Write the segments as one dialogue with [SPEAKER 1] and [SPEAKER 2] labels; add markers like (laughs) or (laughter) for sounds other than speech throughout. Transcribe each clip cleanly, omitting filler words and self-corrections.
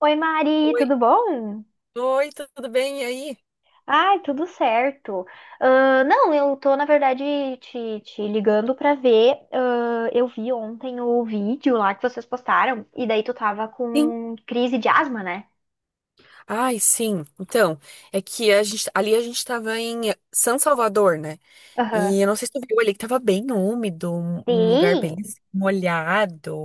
[SPEAKER 1] Oi, Mari,
[SPEAKER 2] Oi,
[SPEAKER 1] tudo bom?
[SPEAKER 2] oi, tudo bem? E aí?
[SPEAKER 1] Ai, tudo certo. Ah, não, eu tô, na verdade, te ligando pra ver. Ah, eu vi ontem o vídeo lá que vocês postaram, e daí tu tava
[SPEAKER 2] Sim.
[SPEAKER 1] com crise de asma, né?
[SPEAKER 2] Ai, sim. Então, é que ali a gente tava em São Salvador, né?
[SPEAKER 1] Aham.
[SPEAKER 2] E eu não sei se tu viu ali que tava bem úmido, um lugar bem
[SPEAKER 1] Sim,
[SPEAKER 2] assim,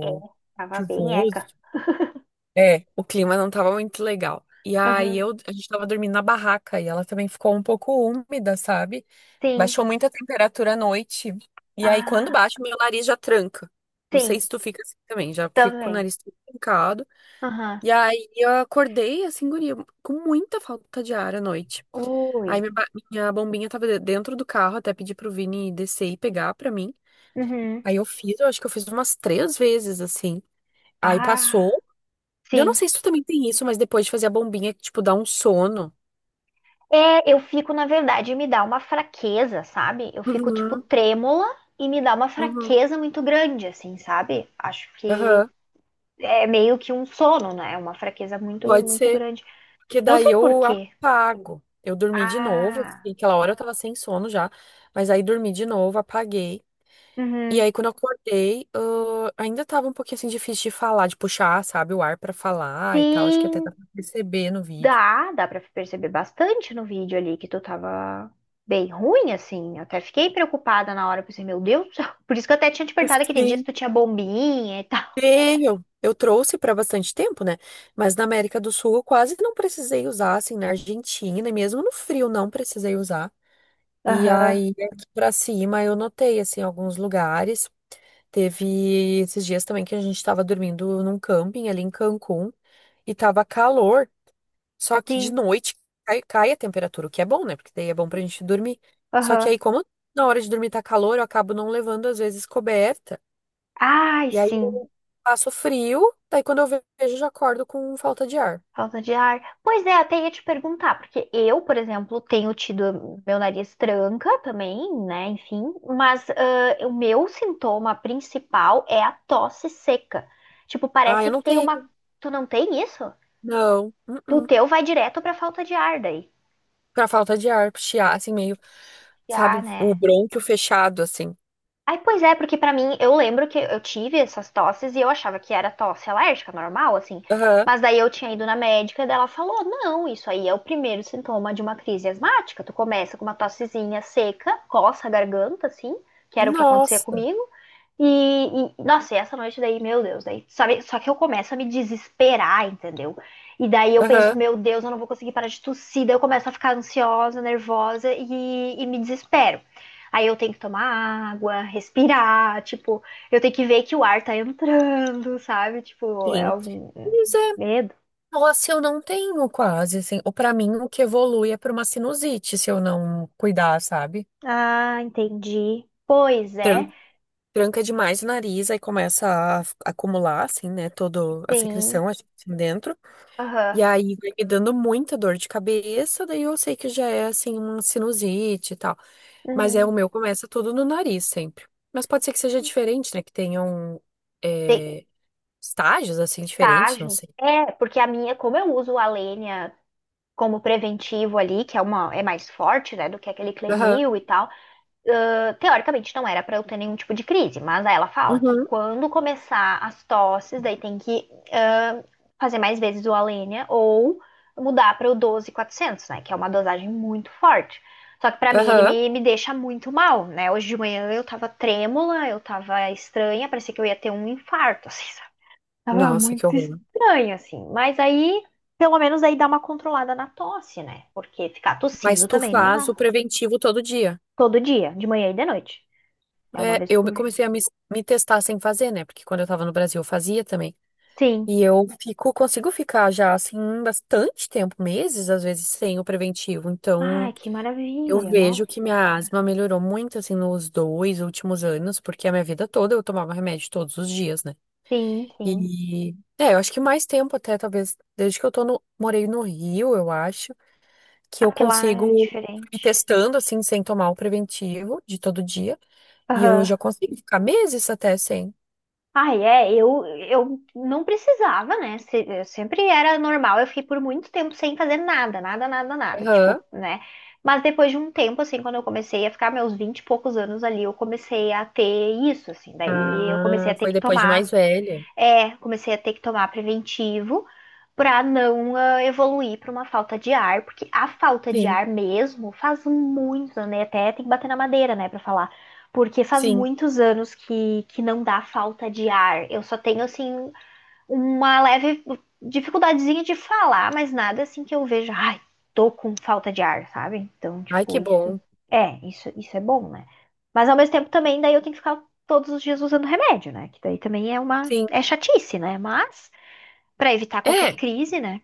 [SPEAKER 1] é, tava bem
[SPEAKER 2] chuvoso.
[SPEAKER 1] eca. (laughs)
[SPEAKER 2] É, o clima não tava muito legal. E aí
[SPEAKER 1] Aham.
[SPEAKER 2] eu, a gente tava dormindo na barraca e ela também ficou um pouco úmida, sabe?
[SPEAKER 1] Sim.
[SPEAKER 2] Baixou muito a temperatura à noite. E aí quando
[SPEAKER 1] Ah,
[SPEAKER 2] baixa, meu nariz já tranca. Não sei
[SPEAKER 1] sim,
[SPEAKER 2] se tu fica assim também, já fico com o
[SPEAKER 1] também.
[SPEAKER 2] nariz todo trancado.
[SPEAKER 1] Aham.
[SPEAKER 2] E aí eu acordei assim, guria, com muita falta de ar à noite. Aí
[SPEAKER 1] Ui.
[SPEAKER 2] minha bombinha tava dentro do carro, até pedi pro Vini descer e pegar pra mim.
[SPEAKER 1] Uhum.
[SPEAKER 2] Aí eu acho que eu fiz umas três vezes assim. Aí
[SPEAKER 1] Ah,
[SPEAKER 2] passou. Eu não
[SPEAKER 1] sim.
[SPEAKER 2] sei se tu também tem isso, mas depois de fazer a bombinha, que, tipo, dá um sono.
[SPEAKER 1] É, eu fico, na verdade, me dá uma fraqueza, sabe? Eu fico, tipo,
[SPEAKER 2] Uhum,
[SPEAKER 1] trêmula e me dá uma
[SPEAKER 2] uhum,
[SPEAKER 1] fraqueza muito grande, assim, sabe? Acho que
[SPEAKER 2] aham.
[SPEAKER 1] é meio que um sono, né? Uma fraqueza muito,
[SPEAKER 2] Pode
[SPEAKER 1] muito
[SPEAKER 2] ser.
[SPEAKER 1] grande.
[SPEAKER 2] Porque
[SPEAKER 1] Eu não
[SPEAKER 2] daí
[SPEAKER 1] sei por
[SPEAKER 2] eu
[SPEAKER 1] quê.
[SPEAKER 2] apago. Eu dormi de novo,
[SPEAKER 1] Ah,
[SPEAKER 2] assim, aquela hora eu tava sem sono já, mas aí dormi de novo, apaguei. E
[SPEAKER 1] uhum.
[SPEAKER 2] aí, quando eu acordei, ah, ainda tava um pouquinho assim difícil de falar, de puxar, sabe, o ar pra falar e tal. Acho que até dá
[SPEAKER 1] Sim,
[SPEAKER 2] pra perceber no vídeo.
[SPEAKER 1] dá pra perceber bastante no vídeo ali que tu tava bem ruim, assim. Eu até fiquei preocupada na hora, pensei, meu Deus do céu. Por isso que eu até tinha te perguntado
[SPEAKER 2] (laughs)
[SPEAKER 1] aquele dia se
[SPEAKER 2] Sim.
[SPEAKER 1] tu tinha bombinha e tal.
[SPEAKER 2] Tenho. Eu trouxe pra bastante tempo, né? Mas na América do Sul eu quase não precisei usar, assim, na Argentina, e mesmo no frio não precisei usar. E
[SPEAKER 1] Aham,
[SPEAKER 2] aí, aqui pra cima, eu notei, assim, alguns lugares. Teve esses dias também que a gente tava dormindo num camping ali em Cancún e tava calor. Só que de
[SPEAKER 1] sim,
[SPEAKER 2] noite cai a temperatura, o que é bom, né? Porque daí é bom pra gente dormir. Só que
[SPEAKER 1] aham.
[SPEAKER 2] aí, como na hora de dormir tá calor, eu acabo não levando, às vezes, coberta.
[SPEAKER 1] Ai,
[SPEAKER 2] E aí
[SPEAKER 1] sim.
[SPEAKER 2] eu passo frio, daí quando eu vejo, eu já acordo com falta de ar.
[SPEAKER 1] Falta de ar. Pois é, até ia te perguntar, porque eu, por exemplo, tenho tido meu nariz tranca também, né? Enfim, mas ah, o meu sintoma principal é a tosse seca. Tipo,
[SPEAKER 2] Ah,
[SPEAKER 1] parece
[SPEAKER 2] eu
[SPEAKER 1] que
[SPEAKER 2] não
[SPEAKER 1] tem uma.
[SPEAKER 2] tenho.
[SPEAKER 1] Tu não tem isso?
[SPEAKER 2] Não.
[SPEAKER 1] O
[SPEAKER 2] Uh-uh.
[SPEAKER 1] teu vai direto pra falta de ar daí.
[SPEAKER 2] Pra falta de ar, chiar, assim, meio, sabe,
[SPEAKER 1] Já,
[SPEAKER 2] o
[SPEAKER 1] né?
[SPEAKER 2] brônquio fechado, assim.
[SPEAKER 1] Aí, pois é, porque pra mim, eu lembro que eu tive essas tosses e eu achava que era tosse alérgica, normal, assim.
[SPEAKER 2] Aham.
[SPEAKER 1] Mas daí eu tinha ido na médica e daí ela falou: não, isso aí é o primeiro sintoma de uma crise asmática. Tu começa com uma tossezinha seca, coça a garganta, assim, que era o que acontecia
[SPEAKER 2] Nossa.
[SPEAKER 1] comigo. Nossa, e essa noite daí, meu Deus, daí, sabe? Só que eu começo a me desesperar, entendeu? E daí eu penso,
[SPEAKER 2] Aham.
[SPEAKER 1] meu Deus, eu não vou conseguir parar de tossir. Daí eu começo a ficar ansiosa, nervosa e me desespero. Aí eu tenho que tomar água, respirar, tipo, eu tenho que ver que o ar tá entrando, sabe? Tipo, é
[SPEAKER 2] Sim.
[SPEAKER 1] algum
[SPEAKER 2] Mas é,
[SPEAKER 1] medo.
[SPEAKER 2] nossa, eu não tenho quase, assim. Ou pra mim, o que evolui é pra uma sinusite, se eu não cuidar, sabe?
[SPEAKER 1] Ah, entendi. Pois
[SPEAKER 2] Tran-
[SPEAKER 1] é,
[SPEAKER 2] Tranca demais o nariz, aí começa a acumular, assim, né, toda a
[SPEAKER 1] sim.
[SPEAKER 2] secreção assim, dentro.
[SPEAKER 1] Aham.
[SPEAKER 2] E aí vai me dando muita dor de cabeça, daí eu sei que já é, assim, uma sinusite e tal. Mas é o
[SPEAKER 1] Uhum.
[SPEAKER 2] meu, começa tudo no nariz sempre. Mas pode ser que seja diferente, né, que tenham
[SPEAKER 1] Tem
[SPEAKER 2] é, estágios, assim, diferentes, não
[SPEAKER 1] estágios.
[SPEAKER 2] sei.
[SPEAKER 1] É, porque a minha, como eu uso a lenha como preventivo ali, que é uma é mais forte, né, do que aquele
[SPEAKER 2] Aham,
[SPEAKER 1] Clenil e tal. Ah, teoricamente não era para eu ter nenhum tipo de crise, mas aí ela fala que
[SPEAKER 2] uhum,
[SPEAKER 1] quando começar as tosses, daí tem que ah, fazer mais vezes o Alenia ou mudar para o 12400, né, que é uma dosagem muito forte. Só que pra mim ele
[SPEAKER 2] aham.
[SPEAKER 1] me, deixa muito mal, né? Hoje de manhã eu tava trêmula, eu tava estranha, parecia que eu ia ter um infarto, assim, sabe? Tava
[SPEAKER 2] Nossa, que
[SPEAKER 1] muito
[SPEAKER 2] horror.
[SPEAKER 1] estranho, assim. Mas aí, pelo menos aí dá uma controlada na tosse, né? Porque ficar
[SPEAKER 2] Mas
[SPEAKER 1] tossindo
[SPEAKER 2] tu
[SPEAKER 1] também não
[SPEAKER 2] faz
[SPEAKER 1] dá.
[SPEAKER 2] o preventivo todo dia.
[SPEAKER 1] Todo dia, de manhã e de noite. É uma
[SPEAKER 2] É,
[SPEAKER 1] vez por.
[SPEAKER 2] comecei a me testar sem fazer, né? Porque quando eu tava no Brasil eu fazia também.
[SPEAKER 1] Sim.
[SPEAKER 2] E eu fico, consigo ficar já assim bastante tempo, meses às vezes, sem o preventivo. Então,
[SPEAKER 1] Ai, que
[SPEAKER 2] eu
[SPEAKER 1] maravilha, nossa.
[SPEAKER 2] vejo que minha asma melhorou muito assim nos 2 últimos anos, porque a minha vida toda eu tomava remédio todos os dias, né?
[SPEAKER 1] Sim, sim.
[SPEAKER 2] E é, eu acho que mais tempo até, talvez, desde que eu tô no, morei no Rio, eu acho, que
[SPEAKER 1] Ah,
[SPEAKER 2] eu
[SPEAKER 1] porque lá é
[SPEAKER 2] consigo ir
[SPEAKER 1] diferente.
[SPEAKER 2] testando assim sem tomar o preventivo de todo dia. E eu
[SPEAKER 1] Aham.
[SPEAKER 2] já consigo ficar meses até sem.
[SPEAKER 1] Ai, é, eu não precisava, né? Se- eu sempre era normal, eu fiquei por muito tempo sem fazer nada, nada, nada, nada, tipo,
[SPEAKER 2] Aham.
[SPEAKER 1] né? Mas depois de um tempo, assim, quando eu comecei a ficar meus 20 e poucos anos ali, eu comecei a ter isso, assim, daí eu comecei a
[SPEAKER 2] Ah,
[SPEAKER 1] ter
[SPEAKER 2] foi
[SPEAKER 1] que
[SPEAKER 2] depois de
[SPEAKER 1] tomar
[SPEAKER 2] mais velha.
[SPEAKER 1] é, comecei a ter que tomar preventivo para não ah, evoluir para uma falta de ar, porque a falta de
[SPEAKER 2] Sim.
[SPEAKER 1] ar mesmo faz muitos né? Até tem que bater na madeira, né, para falar. Porque faz
[SPEAKER 2] Sim.
[SPEAKER 1] muitos anos que não dá falta de ar. Eu só tenho, assim, uma leve dificuldadezinha de falar, mas nada assim que eu veja, ai, tô com falta de ar, sabe? Então,
[SPEAKER 2] Ai,
[SPEAKER 1] tipo,
[SPEAKER 2] que bom.
[SPEAKER 1] isso é bom, né? Mas ao mesmo tempo também, daí eu tenho que ficar todos os dias usando remédio, né? Que daí também é uma,
[SPEAKER 2] Sim.
[SPEAKER 1] é chatice, né? Mas pra evitar
[SPEAKER 2] É,
[SPEAKER 1] qualquer crise, né?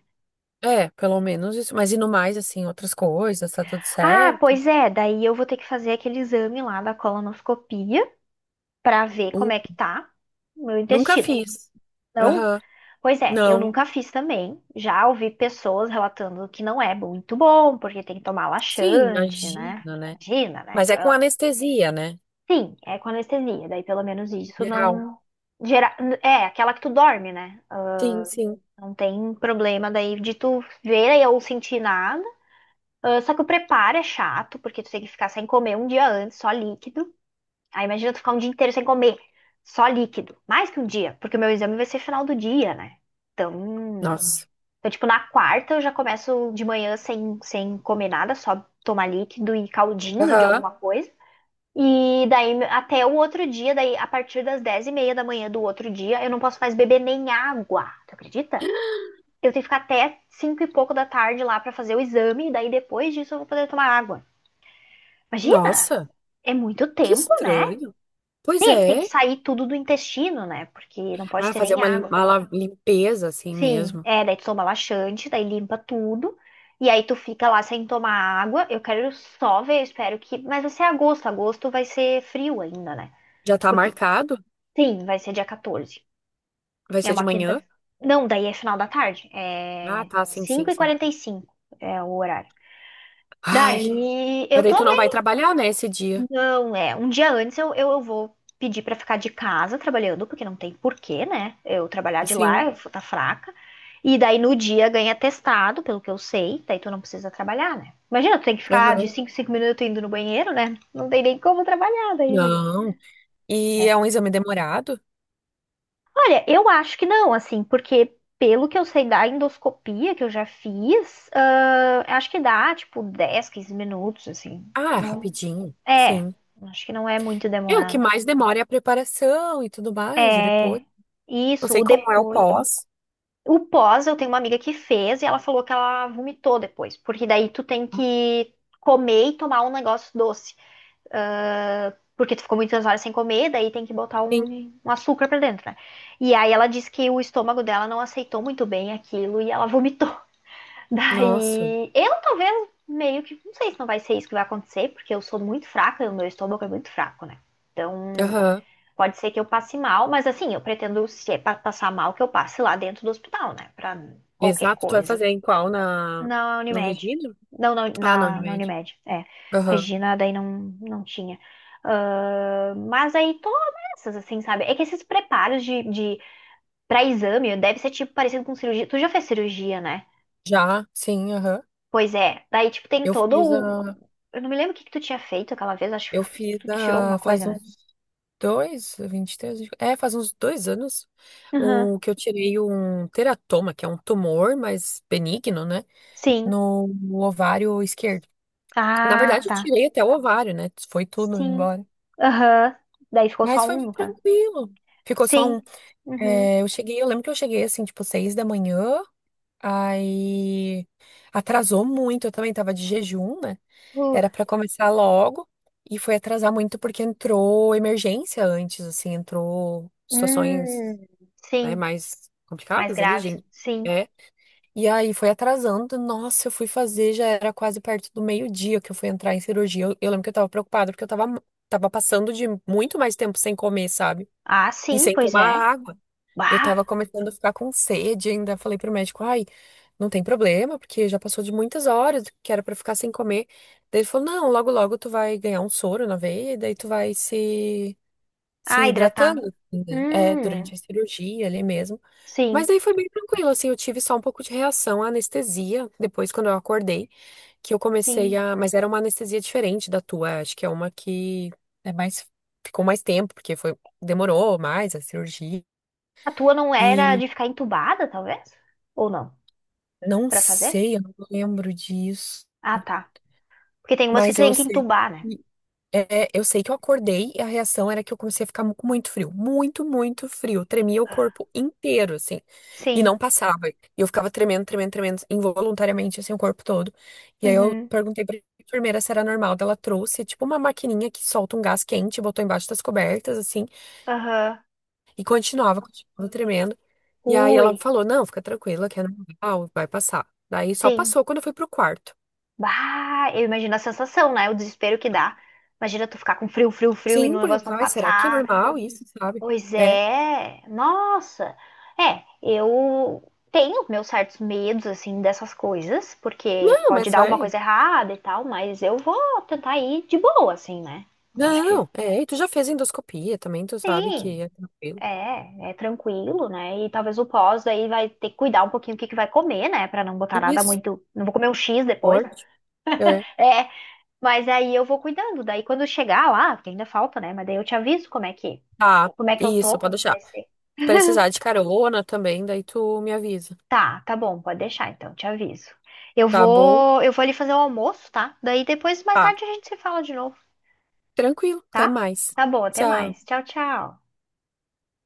[SPEAKER 2] é, pelo menos isso. Mas e no mais, assim, outras coisas, tá tudo
[SPEAKER 1] Ah,
[SPEAKER 2] certo?
[SPEAKER 1] pois é, daí eu vou ter que fazer aquele exame lá da colonoscopia pra ver como
[SPEAKER 2] Nu-
[SPEAKER 1] é que tá o meu
[SPEAKER 2] Nunca
[SPEAKER 1] intestino.
[SPEAKER 2] fiz.
[SPEAKER 1] Não,
[SPEAKER 2] Aham.
[SPEAKER 1] pois é, eu
[SPEAKER 2] Não.
[SPEAKER 1] nunca fiz também. Já ouvi pessoas relatando que não é muito bom, porque tem que tomar
[SPEAKER 2] Sim,
[SPEAKER 1] laxante, né?
[SPEAKER 2] imagino, né?
[SPEAKER 1] Imagina, né?
[SPEAKER 2] Mas é com
[SPEAKER 1] Ah.
[SPEAKER 2] anestesia, né?
[SPEAKER 1] Sim, é com anestesia, daí pelo menos
[SPEAKER 2] Em
[SPEAKER 1] isso
[SPEAKER 2] geral.
[SPEAKER 1] não gera... É, aquela que tu dorme, né? Ah,
[SPEAKER 2] Sim, sim.
[SPEAKER 1] não tem problema daí de tu ver ou sentir nada. Ah, só que o preparo é chato, porque tu tem que ficar sem comer um dia antes, só líquido. Aí imagina tu ficar um dia inteiro sem comer, só líquido. Mais que um dia, porque o meu exame vai ser final do dia, né? Então.
[SPEAKER 2] Nossa.
[SPEAKER 1] Então, tipo, na quarta eu já começo de manhã sem, sem comer nada, só tomar líquido e caldinho de alguma
[SPEAKER 2] Aham.
[SPEAKER 1] coisa. E daí até o outro dia, daí a partir das 10:30 da manhã do outro dia, eu não posso mais beber nem água. Tu acredita? Eu tenho que ficar até cinco e pouco da tarde lá pra fazer o exame, e daí depois disso eu vou poder tomar água. Imagina!
[SPEAKER 2] Nossa,
[SPEAKER 1] É muito
[SPEAKER 2] que
[SPEAKER 1] tempo, né?
[SPEAKER 2] estranho. Pois
[SPEAKER 1] Tem é que tem que
[SPEAKER 2] é.
[SPEAKER 1] sair tudo do intestino, né? Porque não pode
[SPEAKER 2] Ah,
[SPEAKER 1] ter
[SPEAKER 2] fazer
[SPEAKER 1] nem
[SPEAKER 2] uma,
[SPEAKER 1] água.
[SPEAKER 2] limpeza assim
[SPEAKER 1] Sim,
[SPEAKER 2] mesmo.
[SPEAKER 1] é, daí tu toma laxante, daí limpa tudo, e aí tu fica lá sem tomar água. Eu quero só ver, eu espero que. Mas vai ser agosto, agosto vai ser frio ainda, né?
[SPEAKER 2] Já tá
[SPEAKER 1] Porque,
[SPEAKER 2] marcado?
[SPEAKER 1] sim, vai ser dia 14.
[SPEAKER 2] Vai
[SPEAKER 1] É
[SPEAKER 2] ser de
[SPEAKER 1] uma
[SPEAKER 2] manhã?
[SPEAKER 1] quinta. Não, daí é final da tarde,
[SPEAKER 2] Ah,
[SPEAKER 1] é
[SPEAKER 2] tá, sim,
[SPEAKER 1] cinco
[SPEAKER 2] sim,
[SPEAKER 1] e
[SPEAKER 2] sim.
[SPEAKER 1] quarenta e cinco é o horário.
[SPEAKER 2] Ai,
[SPEAKER 1] Daí eu
[SPEAKER 2] daí
[SPEAKER 1] tô.
[SPEAKER 2] tu não vai trabalhar, né, esse dia?
[SPEAKER 1] Não, é. Um dia antes eu, eu vou pedir pra ficar de casa trabalhando, porque não tem porquê, né? Eu trabalhar de lá,
[SPEAKER 2] Sim.
[SPEAKER 1] eu vou tá fraca. E daí no dia ganha testado, pelo que eu sei, daí tu não precisa trabalhar, né? Imagina, tu tem que ficar
[SPEAKER 2] Aham.
[SPEAKER 1] de 5 em 5 minutos indo no banheiro, né? Não tem nem como trabalhar daí, né?
[SPEAKER 2] Não. E
[SPEAKER 1] É.
[SPEAKER 2] é um exame demorado?
[SPEAKER 1] Olha, eu acho que não, assim, porque pelo que eu sei da endoscopia que eu já fiz, ah, acho que dá, tipo, 10, 15 minutos, assim.
[SPEAKER 2] Ah,
[SPEAKER 1] Não,
[SPEAKER 2] rapidinho,
[SPEAKER 1] é,
[SPEAKER 2] sim.
[SPEAKER 1] acho que não é muito
[SPEAKER 2] É o que
[SPEAKER 1] demorado.
[SPEAKER 2] mais demora é a preparação e tudo mais, e depois.
[SPEAKER 1] É,
[SPEAKER 2] Não
[SPEAKER 1] isso, o
[SPEAKER 2] sei como é o
[SPEAKER 1] depois.
[SPEAKER 2] pós.
[SPEAKER 1] O pós, eu tenho uma amiga que fez e ela falou que ela vomitou depois, porque daí tu tem que comer e tomar um negócio doce. Ah, porque tu ficou muitas horas sem comer, daí tem que botar um,
[SPEAKER 2] Sim.
[SPEAKER 1] um açúcar pra dentro, né? E aí ela disse que o estômago dela não aceitou muito bem aquilo e ela vomitou. (laughs)
[SPEAKER 2] Nossa.
[SPEAKER 1] Daí eu talvez meio que, não sei se não vai ser isso que vai acontecer, porque eu sou muito fraca, e o meu estômago é muito fraco, né? Então.
[SPEAKER 2] Aham.
[SPEAKER 1] Pode ser que eu passe mal, mas assim, eu pretendo, se é pra passar mal, que eu passe lá dentro do hospital, né? Pra qualquer
[SPEAKER 2] Exato. Tu vai
[SPEAKER 1] coisa.
[SPEAKER 2] fazer em qual? Na...
[SPEAKER 1] Na
[SPEAKER 2] No
[SPEAKER 1] Unimed.
[SPEAKER 2] Regina?
[SPEAKER 1] Não, na,
[SPEAKER 2] Ah, na
[SPEAKER 1] na, na
[SPEAKER 2] Unimed.
[SPEAKER 1] Unimed. É.
[SPEAKER 2] Aham.
[SPEAKER 1] Regina, daí não, não tinha. Ah, mas aí todas essas, assim, sabe? É que esses preparos de para exame deve ser tipo parecido com cirurgia. Tu já fez cirurgia, né?
[SPEAKER 2] Já, sim, aham.
[SPEAKER 1] Pois é. Daí, tipo, tem
[SPEAKER 2] Eu
[SPEAKER 1] todo
[SPEAKER 2] fiz
[SPEAKER 1] o.
[SPEAKER 2] a.
[SPEAKER 1] Eu não me lembro o que que tu tinha feito aquela vez, acho
[SPEAKER 2] Eu fiz
[SPEAKER 1] que tu tirou alguma
[SPEAKER 2] a.
[SPEAKER 1] coisa,
[SPEAKER 2] Faz
[SPEAKER 1] né?
[SPEAKER 2] uns 2, 23. É, faz uns dois anos.
[SPEAKER 1] Aham.
[SPEAKER 2] O que eu tirei um teratoma, que é um tumor, mas benigno, né?
[SPEAKER 1] Sim.
[SPEAKER 2] No ovário esquerdo. Na
[SPEAKER 1] Ah,
[SPEAKER 2] verdade, eu
[SPEAKER 1] tá.
[SPEAKER 2] tirei até o ovário, né? Foi tudo
[SPEAKER 1] Sim.
[SPEAKER 2] embora.
[SPEAKER 1] Aham. Daí ficou
[SPEAKER 2] Mas
[SPEAKER 1] só
[SPEAKER 2] foi
[SPEAKER 1] um,
[SPEAKER 2] bem
[SPEAKER 1] no caso.
[SPEAKER 2] tranquilo. Ficou só um.
[SPEAKER 1] Sim. Uhum.
[SPEAKER 2] É, eu cheguei, eu lembro que eu cheguei assim, tipo, 6 da manhã. Aí atrasou muito. Eu também tava de jejum, né?
[SPEAKER 1] Uh.
[SPEAKER 2] Era pra começar logo. E foi atrasar muito porque entrou emergência antes, assim, entrou situações,
[SPEAKER 1] Hum.
[SPEAKER 2] né,
[SPEAKER 1] Sim.
[SPEAKER 2] mais
[SPEAKER 1] Mais
[SPEAKER 2] complicadas ali,
[SPEAKER 1] graves.
[SPEAKER 2] gente.
[SPEAKER 1] Sim.
[SPEAKER 2] É, e aí foi atrasando. Nossa, eu fui fazer, já era quase perto do meio-dia que eu fui entrar em cirurgia. Eu lembro que eu tava preocupada porque eu tava passando de muito mais tempo sem comer, sabe?
[SPEAKER 1] Ah,
[SPEAKER 2] E
[SPEAKER 1] sim,
[SPEAKER 2] sem
[SPEAKER 1] pois
[SPEAKER 2] tomar
[SPEAKER 1] é.
[SPEAKER 2] água. Eu
[SPEAKER 1] Bah.
[SPEAKER 2] tava começando a ficar com sede ainda. Falei pro médico, ai, não tem problema, porque já passou de muitas horas que era pra ficar sem comer. Daí ele falou, não, logo logo tu vai ganhar um soro na veia e daí tu vai se
[SPEAKER 1] Ah,
[SPEAKER 2] hidratando,
[SPEAKER 1] hidratar.
[SPEAKER 2] assim, né? É,
[SPEAKER 1] Hum.
[SPEAKER 2] durante a cirurgia ali mesmo.
[SPEAKER 1] Sim,
[SPEAKER 2] Mas aí foi bem tranquilo, assim, eu tive só um pouco de reação à anestesia, depois quando eu acordei, que eu comecei
[SPEAKER 1] sim.
[SPEAKER 2] a... Mas era uma anestesia diferente da tua, acho que é uma que é mais... Ficou mais tempo, porque foi... Demorou mais a cirurgia.
[SPEAKER 1] A tua não era
[SPEAKER 2] E
[SPEAKER 1] de ficar entubada, talvez? Ou não?
[SPEAKER 2] não
[SPEAKER 1] Pra fazer?
[SPEAKER 2] sei, eu não lembro disso,
[SPEAKER 1] Ah, tá. Porque tem umas que tu
[SPEAKER 2] mas
[SPEAKER 1] tem
[SPEAKER 2] eu
[SPEAKER 1] que
[SPEAKER 2] sei.
[SPEAKER 1] entubar, né?
[SPEAKER 2] É, eu sei que eu acordei e a reação era que eu comecei a ficar com muito frio, muito, muito frio. Tremia o corpo inteiro, assim, e
[SPEAKER 1] Sim.
[SPEAKER 2] não passava. E eu ficava tremendo, tremendo, tremendo, involuntariamente, assim, o corpo todo. E aí eu
[SPEAKER 1] Uhum.
[SPEAKER 2] perguntei pra enfermeira se era normal. Daí ela trouxe, tipo, uma maquininha que solta um gás quente, e botou embaixo das cobertas, assim,
[SPEAKER 1] Aham.
[SPEAKER 2] e continuava, continuava tremendo. E aí
[SPEAKER 1] Ui.
[SPEAKER 2] ela falou: Não, fica tranquila, que é normal, vai passar. Daí só
[SPEAKER 1] Sim.
[SPEAKER 2] passou quando eu fui pro quarto.
[SPEAKER 1] Bah, eu imagino a sensação, né? O desespero que dá. Imagina tu ficar com frio, frio, frio e
[SPEAKER 2] Sim,
[SPEAKER 1] o
[SPEAKER 2] porque eu
[SPEAKER 1] negócio não
[SPEAKER 2] pensava, ai, será que é
[SPEAKER 1] passar.
[SPEAKER 2] normal isso, sabe?
[SPEAKER 1] Pois
[SPEAKER 2] É.
[SPEAKER 1] é. Nossa. É, eu tenho meus certos medos, assim, dessas coisas, porque
[SPEAKER 2] Não,
[SPEAKER 1] pode
[SPEAKER 2] mas
[SPEAKER 1] dar alguma
[SPEAKER 2] vai.
[SPEAKER 1] coisa errada e tal, mas eu vou tentar ir de boa, assim, né? Eu acho que
[SPEAKER 2] Não, é, e tu já fez endoscopia também, tu sabe que
[SPEAKER 1] sim.
[SPEAKER 2] é tranquilo.
[SPEAKER 1] É, é tranquilo, né? E talvez o pós aí vai ter que cuidar um pouquinho o que que vai comer, né? Pra não botar nada
[SPEAKER 2] Isso,
[SPEAKER 1] muito. Não vou comer um X depois, né?
[SPEAKER 2] forte. É.
[SPEAKER 1] É, mas aí eu vou cuidando. Daí quando chegar lá, que ainda falta, né? Mas daí eu te aviso
[SPEAKER 2] Tá,
[SPEAKER 1] como é que eu tô,
[SPEAKER 2] isso, pode
[SPEAKER 1] como é que
[SPEAKER 2] deixar.
[SPEAKER 1] vai ser.
[SPEAKER 2] Se precisar de carona também, daí tu me avisa.
[SPEAKER 1] Tá, tá bom, pode deixar então, te aviso.
[SPEAKER 2] Tá bom?
[SPEAKER 1] Eu vou ali fazer o almoço, tá? Daí depois, mais
[SPEAKER 2] Tá.
[SPEAKER 1] tarde, a gente se fala de novo,
[SPEAKER 2] Tranquilo, até
[SPEAKER 1] tá?
[SPEAKER 2] mais.
[SPEAKER 1] Tá bom, até
[SPEAKER 2] Tchau.
[SPEAKER 1] mais. Tchau, tchau.